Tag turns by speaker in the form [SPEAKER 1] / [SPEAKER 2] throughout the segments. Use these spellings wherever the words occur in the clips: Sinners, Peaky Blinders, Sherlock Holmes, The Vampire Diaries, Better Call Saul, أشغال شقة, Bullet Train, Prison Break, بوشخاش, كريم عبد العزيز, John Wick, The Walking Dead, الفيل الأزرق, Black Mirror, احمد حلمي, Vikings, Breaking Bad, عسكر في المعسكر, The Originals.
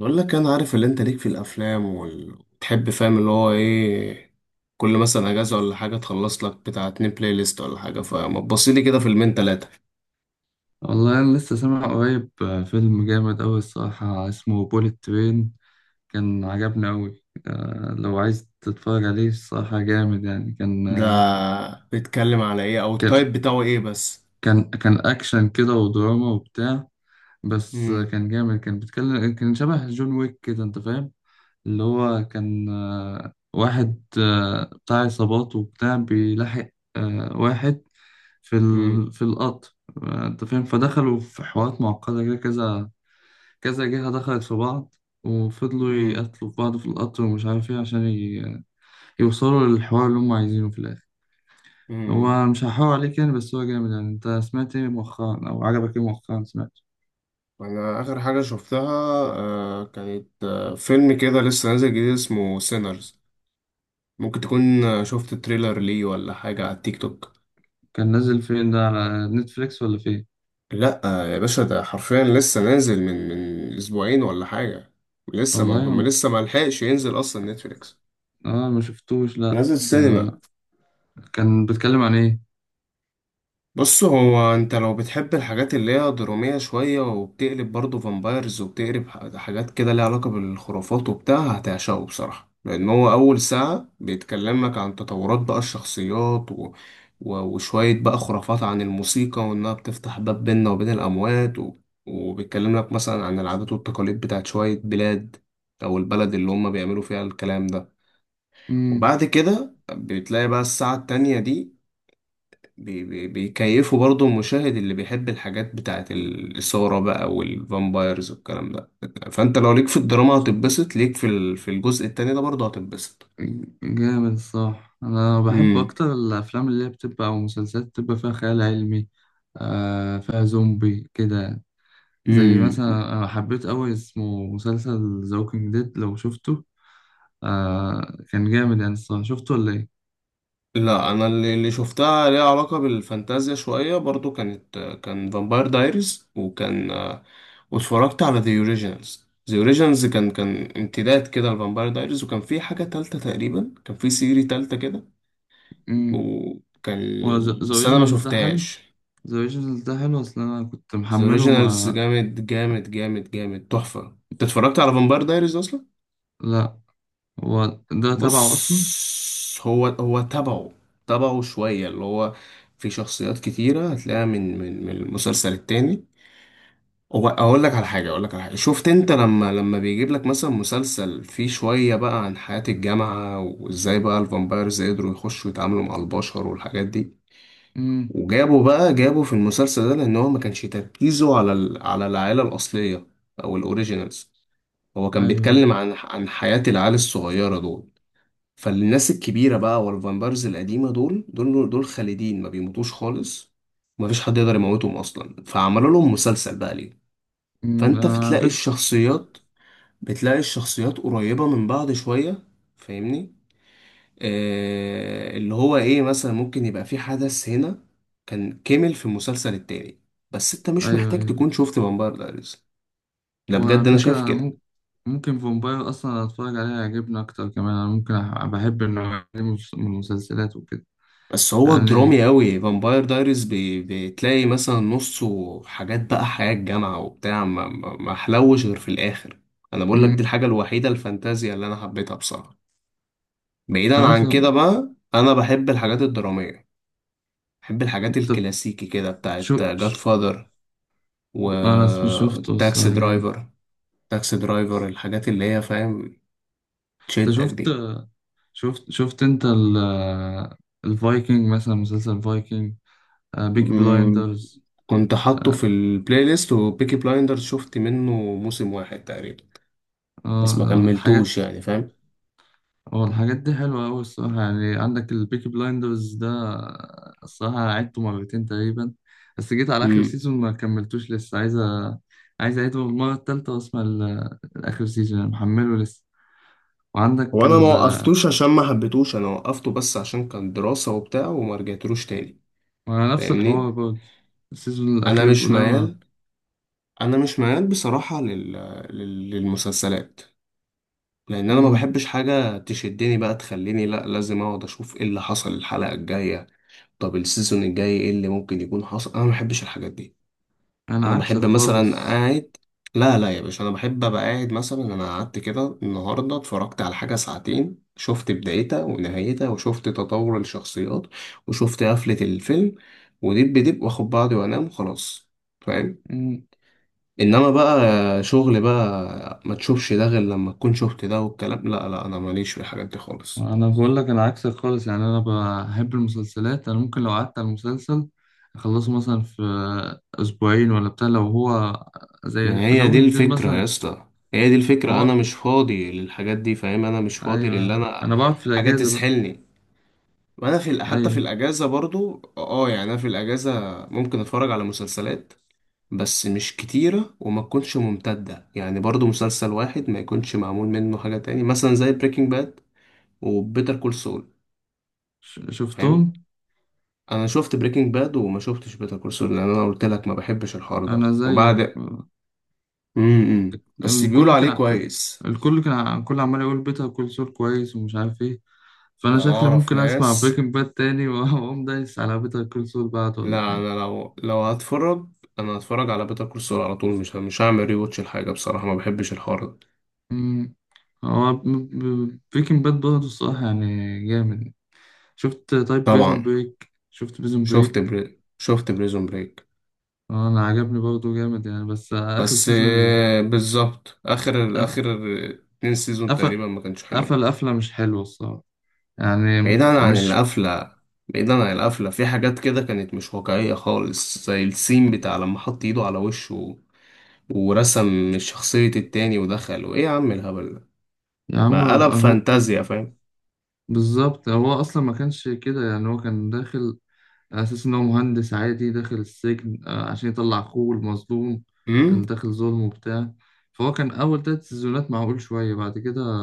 [SPEAKER 1] بقول لك انا عارف اللي انت ليك في الافلام وتحب، فاهم اللي هو ايه. كل مثلا اجازه ولا حاجه تخلص لك بتاع اتنين بلاي ليست ولا حاجه، فما تبص لي كده فيلمين تلاته.
[SPEAKER 2] والله أنا لسه سامع قريب فيلم جامد أوي الصراحة اسمه بوليت ترين. كان عجبني أوي لو عايز تتفرج عليه الصراحة جامد يعني. كان
[SPEAKER 1] ده
[SPEAKER 2] آه،
[SPEAKER 1] بيتكلم على ايه او
[SPEAKER 2] كان
[SPEAKER 1] التايب بتاعه ايه بس؟
[SPEAKER 2] كان كان أكشن كده ودراما وبتاع. بس
[SPEAKER 1] امم
[SPEAKER 2] كان جامد. كان بيتكلم، كان شبه جون ويك كده، أنت فاهم. اللي هو كان واحد بتاع عصابات وبتاع، بيلاحق واحد
[SPEAKER 1] امم
[SPEAKER 2] في القطر. أنت فاهم. فدخلوا في حوارات معقدة كده، كذا كذا جهة دخلت في بعض، وفضلوا
[SPEAKER 1] امم
[SPEAKER 2] يقتلوا في بعض في القطر ومش عارف ايه عشان يوصلوا للحوار اللي هم عايزينه في الآخر.
[SPEAKER 1] امم
[SPEAKER 2] هو مش هحاول عليك يعني، بس هو جامد يعني. انت سمعت ايه مؤخرا او عجبك ايه مؤخرا سمعت؟
[SPEAKER 1] انا اخر حاجه شفتها كانت فيلم كده لسه نازل جديد اسمه سينرز. ممكن تكون شفت تريلر ليه ولا حاجه على التيك توك.
[SPEAKER 2] كان نازل فين ده، على نتفليكس ولا فين؟
[SPEAKER 1] لا يا باشا، ده حرفيا لسه نازل من اسبوعين ولا حاجه. لسه ما هو ما
[SPEAKER 2] والله
[SPEAKER 1] لسه ما لحقش ينزل اصلا نتفليكس.
[SPEAKER 2] اه ما شفتوش. لا
[SPEAKER 1] نازل
[SPEAKER 2] ده
[SPEAKER 1] سينما.
[SPEAKER 2] كان بيتكلم عن ايه؟
[SPEAKER 1] بص، هو انت لو بتحب الحاجات اللي هي درامية شوية وبتقلب برضه فامبايرز وبتقلب حاجات كده ليها علاقة بالخرافات وبتاع، هتعشقه بصراحة، لأن هو أول ساعة بيتكلمك عن تطورات بقى الشخصيات وشوية بقى خرافات عن الموسيقى وإنها بتفتح باب بيننا وبين الأموات وبيتكلم لك مثلا عن العادات والتقاليد بتاعت شوية بلاد، أو البلد اللي هم بيعملوا فيها الكلام ده.
[SPEAKER 2] امم،
[SPEAKER 1] وبعد كده بتلاقي بقى الساعة التانية دي بي بي بيكيفوا برضو المشاهد اللي بيحب الحاجات بتاعت الإثارة بقى والفامبايرز والكلام ده. فأنت لو ليك في الدراما هتتبسط، ليك في الجزء التاني ده برضو هتتبسط.
[SPEAKER 2] جامد الصراحة. انا بحب
[SPEAKER 1] امم
[SPEAKER 2] اكتر الافلام اللي هي بتبقى او مسلسلات بتبقى فيها خيال علمي، آه فيها زومبي كده يعني. زي
[SPEAKER 1] امم
[SPEAKER 2] مثلا أنا حبيت أوي اسمه مسلسل ذا ووكينج ديد، لو شفته آه كان جامد يعني الصراحة. شفته ولا إيه؟
[SPEAKER 1] لا، انا اللي شفتها ليها علاقه بالفانتازيا شويه برضو كان فامباير دايريز، واتفرجت على ذا اوريجينالز، كان امتداد كده لفامباير دايريز، وكان في حاجه تالته تقريبا، كان في سيري تالته كده،
[SPEAKER 2] امم.
[SPEAKER 1] وكان
[SPEAKER 2] وذا
[SPEAKER 1] بس انا ما
[SPEAKER 2] أوريجينال ده حلو؟
[SPEAKER 1] شفتهاش.
[SPEAKER 2] ذا أوريجينال ده حلو، أصل أنا كنت
[SPEAKER 1] ذا
[SPEAKER 2] محمله
[SPEAKER 1] اوريجينالز
[SPEAKER 2] ما.
[SPEAKER 1] جامد جامد جامد جامد، تحفة. انت اتفرجت على فامباير دايريز اصلا؟
[SPEAKER 2] لأ. هو ده تبعه أصلا؟
[SPEAKER 1] بص، هو تبعه، تبعه شوية، اللي هو في شخصيات كتيرة هتلاقيها من المسلسل التاني. هو اقول لك على حاجة، شفت انت لما بيجيب لك مثلا مسلسل فيه شوية بقى عن حياة الجامعة وازاي بقى الفامبايرز قدروا يخشوا يتعاملوا مع البشر والحاجات دي؟
[SPEAKER 2] امم.
[SPEAKER 1] وجابوا بقى جابوا في المسلسل ده، لان هو ما كانش تركيزه على ال... على العائلة الأصلية او الاوريجينالز. هو كان
[SPEAKER 2] أيوه.
[SPEAKER 1] بيتكلم عن حياة العيال الصغيرة دول. فالناس الكبيرة بقى والفامبرز القديمة دول خالدين، ما بيموتوش خالص ومفيش حد يقدر يموتهم أصلا، فعملوا لهم مسلسل بقى ليه. فأنت
[SPEAKER 2] أنا على
[SPEAKER 1] بتلاقي
[SPEAKER 2] فكرة.
[SPEAKER 1] الشخصيات بتلاقي الشخصيات قريبة من بعض شوية، فاهمني؟ اللي هو إيه مثلا، ممكن يبقى في حدث هنا كان كمل في المسلسل التاني. بس أنت مش
[SPEAKER 2] أيوه
[SPEAKER 1] محتاج
[SPEAKER 2] أيوه.
[SPEAKER 1] تكون شفت فامباير دايريز، ده
[SPEAKER 2] وعلى
[SPEAKER 1] بجد أنا
[SPEAKER 2] فكرة
[SPEAKER 1] شايف
[SPEAKER 2] أنا
[SPEAKER 1] كده.
[SPEAKER 2] ممكن، فامباير أصلا أتفرج عليه يعجبني أكتر كمان. أنا ممكن بحب النوع دي من من المسلسلات وكده
[SPEAKER 1] بس هو
[SPEAKER 2] يعني.
[SPEAKER 1] درامي قوي فامباير دايريز، بي... بتلاقي مثلا نصه حاجات بقى حياة الجامعة وبتاع، ما حلوش غير في الآخر. أنا بقول لك دي
[SPEAKER 2] امم.
[SPEAKER 1] الحاجة الوحيدة الفانتازيا اللي أنا حبيتها بصراحة. بعيدا
[SPEAKER 2] خلاص.
[SPEAKER 1] عن كده بقى، أنا بحب الحاجات الدرامية، بحب الحاجات
[SPEAKER 2] طب
[SPEAKER 1] الكلاسيكي كده بتاعت
[SPEAKER 2] شو،
[SPEAKER 1] جاد فاذر و
[SPEAKER 2] انا شفته
[SPEAKER 1] تاكسي
[SPEAKER 2] الصراحة جامد.
[SPEAKER 1] درايفر تاكسي درايفر الحاجات اللي هي، فاهم،
[SPEAKER 2] انت
[SPEAKER 1] تشدك دي.
[SPEAKER 2] شفت انت الفايكنج مثلا، مسلسل فايكنج، بيكي
[SPEAKER 1] أمم،
[SPEAKER 2] بلايندرز.
[SPEAKER 1] كنت حاطه
[SPEAKER 2] اه.
[SPEAKER 1] في البلاي ليست، وبيكي بلايندر شفت منه موسم واحد تقريبا
[SPEAKER 2] آه،
[SPEAKER 1] بس ما
[SPEAKER 2] الحاجات،
[SPEAKER 1] كملتوش، يعني فاهم.
[SPEAKER 2] اه الحاجات دي حلوة أوي الصراحة يعني. عندك البيكي بلايندرز ده الصراحة عدته مرتين تقريبا، بس جيت على آخر
[SPEAKER 1] امم.
[SPEAKER 2] سيزون ما كملتوش. لسه عايز عايز أعيده المرة التالتة وأسمع الآخر سيزون، أنا محمله لسه. وعندك
[SPEAKER 1] وانا ما
[SPEAKER 2] ال...
[SPEAKER 1] وقفتوش عشان ما حبيتوش، انا وقفته بس عشان كان دراسة وبتاع وما رجعتلوش تاني،
[SPEAKER 2] وعلى نفس الحوار
[SPEAKER 1] فاهمني.
[SPEAKER 2] برضه، السيزون
[SPEAKER 1] انا
[SPEAKER 2] الأخير
[SPEAKER 1] مش
[SPEAKER 2] ده
[SPEAKER 1] ميال
[SPEAKER 2] ما-.
[SPEAKER 1] انا مش ميال بصراحة للمسلسلات، لان انا ما
[SPEAKER 2] مم.
[SPEAKER 1] بحبش حاجة تشدني بقى تخليني لا، لازم اقعد اشوف ايه اللي حصل الحلقة الجاية؟ طب السيزون الجاي ايه اللي ممكن يكون حصل؟ انا ما بحبش الحاجات دي.
[SPEAKER 2] انا
[SPEAKER 1] انا
[SPEAKER 2] عكسك
[SPEAKER 1] بحب مثلا
[SPEAKER 2] خالص.
[SPEAKER 1] قاعد، لا لا يا باشا، انا بحب ابقى قاعد مثلا. انا قعدت كده النهارده، اتفرجت على حاجه ساعتين، شفت بدايتها ونهايتها وشفت تطور الشخصيات وشفت قفله الفيلم، ودب دب واخد بعضي وانام وخلاص، فاهم؟
[SPEAKER 2] مم.
[SPEAKER 1] انما بقى شغل بقى ما تشوفش ده غير لما تكون شفت ده والكلام، لا لا انا ماليش في الحاجات دي خالص.
[SPEAKER 2] انا بقول لك انا عكسك خالص يعني. انا بحب المسلسلات. انا ممكن لو قعدت على المسلسل اخلصه مثلا في اسبوعين ولا بتاع، لو هو
[SPEAKER 1] ما
[SPEAKER 2] زي
[SPEAKER 1] هي دي
[SPEAKER 2] زوجين جديد
[SPEAKER 1] الفكره يا
[SPEAKER 2] مثلا.
[SPEAKER 1] اسطى، هي دي
[SPEAKER 2] ما
[SPEAKER 1] الفكره، انا
[SPEAKER 2] هو
[SPEAKER 1] مش فاضي للحاجات دي، فاهم؟ انا مش فاضي،
[SPEAKER 2] ايوه
[SPEAKER 1] للي
[SPEAKER 2] أيوة.
[SPEAKER 1] انا
[SPEAKER 2] انا بقعد في
[SPEAKER 1] حاجة
[SPEAKER 2] الاجازه بقى.
[SPEAKER 1] تسحلني. وانا في، حتى في
[SPEAKER 2] ايوه
[SPEAKER 1] الاجازه برضو اه، يعني انا في الاجازه ممكن اتفرج على مسلسلات، بس مش كتيره وما تكونش ممتده، يعني برضو مسلسل واحد ما يكونش معمول منه حاجه تاني، مثلا زي بريكنج باد وبيتر كول سول، فاهم.
[SPEAKER 2] شفتهم.
[SPEAKER 1] انا شفت بريكنج باد وما شفتش بيتر كول سول، لان انا قلت لك ما بحبش الحوار ده
[SPEAKER 2] انا زيك.
[SPEAKER 1] وبعد. امم، بس بيقولوا
[SPEAKER 2] الكل
[SPEAKER 1] عليه
[SPEAKER 2] كان ع-
[SPEAKER 1] كويس.
[SPEAKER 2] الكل عمال يقول بيتها كل سول كويس ومش عارف ايه. فانا
[SPEAKER 1] ده انا
[SPEAKER 2] شكلي
[SPEAKER 1] اعرف
[SPEAKER 2] ممكن اسمع
[SPEAKER 1] ناس.
[SPEAKER 2] بريكنج باد تاني واقوم دايس على بيتها كل سول بعده
[SPEAKER 1] لا،
[SPEAKER 2] ولا حاجه.
[SPEAKER 1] انا لو هتفرج، انا هتفرج على بيتر كول سول على طول، مش هعمل ريواتش الحاجه بصراحه، ما بحبش الحوار ده.
[SPEAKER 2] مم. هو بريكنج باد برضه الصراحة يعني جامد. شفت طيب بريزون
[SPEAKER 1] طبعا،
[SPEAKER 2] بريك؟ شفت بريزون بريك؟
[SPEAKER 1] شفت بريزون بريك.
[SPEAKER 2] أنا عجبني برضه جامد يعني، بس آخر
[SPEAKER 1] بس
[SPEAKER 2] سيزون
[SPEAKER 1] بالظبط، اخر اتنين سيزون تقريبا
[SPEAKER 2] قفل،
[SPEAKER 1] ما كانش حلوين.
[SPEAKER 2] قفلة مش حلوة الصراحة. يعني
[SPEAKER 1] بعيدا عن
[SPEAKER 2] مش.
[SPEAKER 1] القفله بعيدا عن القفله في حاجات كده كانت مش واقعيه خالص، زي السين بتاع لما حط ايده على وشه ورسم شخصيه التاني ودخل، وايه يا عم الهبل ده؟
[SPEAKER 2] يا عم
[SPEAKER 1] ما قلب
[SPEAKER 2] أهو
[SPEAKER 1] فانتازيا، فاهم.
[SPEAKER 2] بالظبط. هو أصلا ما كانش كده يعني. هو كان داخل على أساس إن هو مهندس عادي داخل السجن عشان يطلع أخوه المظلوم
[SPEAKER 1] امم
[SPEAKER 2] اللي داخل ظلم وبتاع. فهو كان أول تلات سيزونات معقول شوية، بعد كده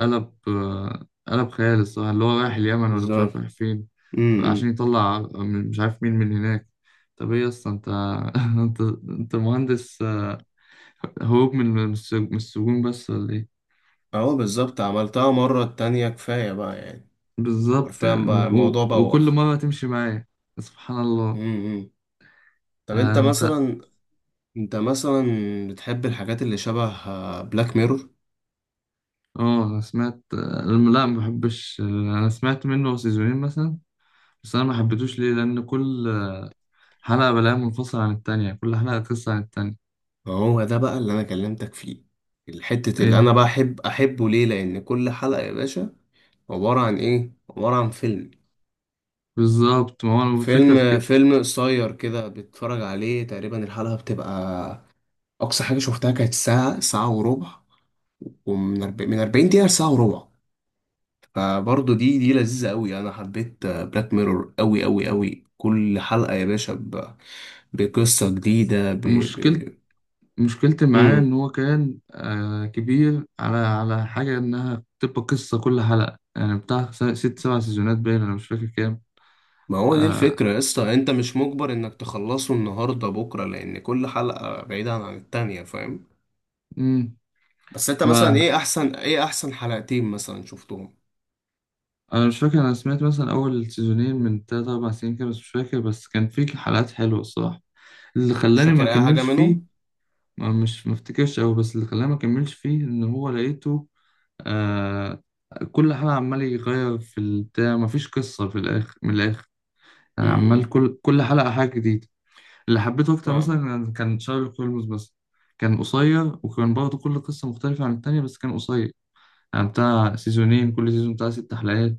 [SPEAKER 2] قلب قلب خيال الصراحة، اللي هو رايح اليمن ولا مش عارف
[SPEAKER 1] بالظبط.
[SPEAKER 2] رايح فين، عشان
[SPEAKER 1] امم
[SPEAKER 2] يطلع من- مش عارف مين من هناك. طب ايه اصلا انت؟ انت انت مهندس هروب من من السجون بس ولا ايه؟
[SPEAKER 1] اهو بالظبط، عملتها مره التانية كفايه بقى يعني،
[SPEAKER 2] بالظبط
[SPEAKER 1] حرفيا بقى
[SPEAKER 2] يعني.
[SPEAKER 1] الموضوع
[SPEAKER 2] وكل
[SPEAKER 1] بوخ.
[SPEAKER 2] مرة تمشي معايا. سبحان الله.
[SPEAKER 1] مم. طب انت
[SPEAKER 2] انت،
[SPEAKER 1] مثلا انت مثلا بتحب الحاجات اللي شبه بلاك ميرور؟
[SPEAKER 2] اه انا سمعت لا ما بحبش. انا سمعت منه سيزونين مثلا، بس انا ما حبيتوش ليه لان كل حلقة بلاقيها منفصلة عن التانية، كل حلقة قصة عن التانية.
[SPEAKER 1] هو ده بقى اللي انا كلمتك فيه، الحتة اللي
[SPEAKER 2] ايه؟
[SPEAKER 1] انا بحب احبه ليه، لان كل حلقة يا باشا عبارة عن ايه؟ عبارة عن فيلم
[SPEAKER 2] بالظبط. ما هو أنا الفكرة في
[SPEAKER 1] فيلم
[SPEAKER 2] كده.
[SPEAKER 1] فيلم قصير كده بتتفرج عليه، تقريبا الحلقة بتبقى اقصى حاجة شفتها كانت ساعة ساعة وربع، ومن من 40 دقيقة لساعة وربع. فبرضه دي لذيذة قوي، انا حبيت بلاك ميرور قوي قوي قوي، كل حلقة يا باشا بقصة جديدة
[SPEAKER 2] مشكلة، مشكلتي معاه
[SPEAKER 1] مم.
[SPEAKER 2] إن هو كان آه كبير على على حاجة إنها بتبقى قصة كل حلقة يعني، بتاع ست سبع سيزونات باين أنا مش فاكر كام.
[SPEAKER 1] ما هو دي
[SPEAKER 2] آه.
[SPEAKER 1] الفكرة يا اسطى، انت مش مجبر انك تخلصه النهاردة بكرة، لان كل حلقة بعيدة عن التانية، فاهم؟
[SPEAKER 2] مم.
[SPEAKER 1] بس انت مثلا
[SPEAKER 2] ما
[SPEAKER 1] ايه احسن حلقتين مثلا شفتهم؟
[SPEAKER 2] أنا مش فاكر. أنا سمعت مثلا أول سيزونين من تلات أربع سنين كده، بس مش فاكر، بس كان فيه حلقات حلوة الصراحة. اللي
[SPEAKER 1] مش
[SPEAKER 2] خلاني ما
[SPEAKER 1] فاكر اي حاجة
[SPEAKER 2] أكملش
[SPEAKER 1] منهم.
[SPEAKER 2] فيه، ما مش ما أفتكرش أوي، بس اللي خلاني ما أكملش فيه إن هو لقيته آه كل حلقة عمال يغير في البتاع، مفيش قصة في الآخر من الآخر يعني. عمال
[SPEAKER 1] امم
[SPEAKER 2] كل حلقة حاجة جديدة. اللي حبيته أكتر
[SPEAKER 1] فاهم.
[SPEAKER 2] مثلا كان شارلوك هولمز بس. كان قصير وكان برضه كل قصة مختلفة عن التانية، بس كان قصير يعني بتاع سيزونين، كل سيزون بتاع ست حلقات،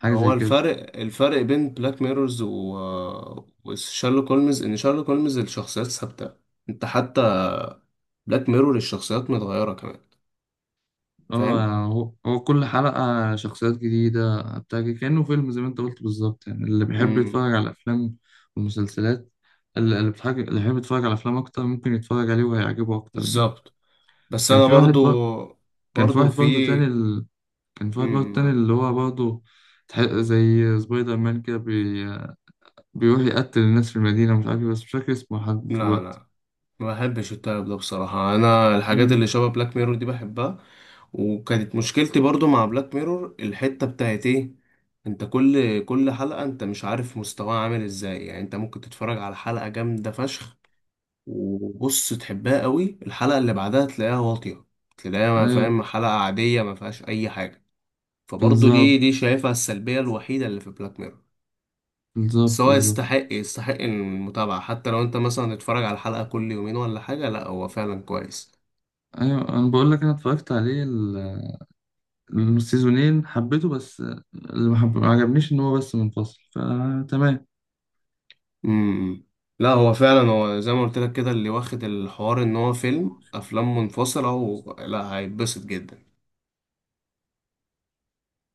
[SPEAKER 2] حاجة زي
[SPEAKER 1] هو
[SPEAKER 2] كده.
[SPEAKER 1] الفرق بين بلاك ميرورز و... وشارلوك هولمز، ان شارلوك هولمز الشخصيات ثابتة. انت حتى بلاك ميرور الشخصيات متغيرة كمان،
[SPEAKER 2] اه
[SPEAKER 1] فاهم.
[SPEAKER 2] يعني هو كل حلقة شخصيات جديدة بتاع كده. كأنه فيلم، زي ما انت قلت بالظبط يعني. اللي بيحب
[SPEAKER 1] امم
[SPEAKER 2] يتفرج على الأفلام والمسلسلات، اللي اللي بيحب يتفرج على أفلام أكتر ممكن يتفرج عليه وهيعجبه أكتر يعني.
[SPEAKER 1] بالظبط. بس
[SPEAKER 2] كان
[SPEAKER 1] انا
[SPEAKER 2] في
[SPEAKER 1] برضو
[SPEAKER 2] واحد بر... كان في
[SPEAKER 1] برضو
[SPEAKER 2] واحد
[SPEAKER 1] في
[SPEAKER 2] برضه تاني ال... كان في واحد برضه تاني
[SPEAKER 1] ما-
[SPEAKER 2] اللي هو برضه زي سبايدر مان كده بيروح يقتل الناس في المدينة مش عارف إيه، بس مش فاكر اسمه لحد
[SPEAKER 1] لا
[SPEAKER 2] دلوقتي.
[SPEAKER 1] لا، ما بحبش التايب ده بصراحة. انا الحاجات
[SPEAKER 2] مم.
[SPEAKER 1] اللي شبه بلاك ميرور دي بحبها. وكانت مشكلتي برضو مع بلاك ميرور الحتة بتاعت ايه، انت كل حلقة انت مش عارف مستواها عامل ازاي، يعني انت ممكن تتفرج على حلقة جامدة فشخ وبص تحبها قوي، الحلقة اللي بعدها تلاقيها واطية، تلاقيها ما
[SPEAKER 2] أيوة
[SPEAKER 1] فاهم، حلقة عادية ما فيهاش اي حاجة. فبرضه دي
[SPEAKER 2] بالظبط،
[SPEAKER 1] شايفها السلبية الوحيدة اللي في بلاك ميرور. بس هو
[SPEAKER 2] بالظبط.
[SPEAKER 1] يستحق، المتابعة، حتى لو انت مثلا تتفرج على الحلقة كل يومين ولا حاجة، لا هو فعلا كويس.
[SPEAKER 2] أيوة أنا بقول لك أنا اتفرجت عليه السيزونين حبيته، بس اللي ما عجبنيش إن هو بس منفصل، فتمام.
[SPEAKER 1] امم لا هو فعلا، هو زي ما قلت لك كده، اللي واخد الحوار ان هو افلام منفصلة لا، هيتبسط جدا.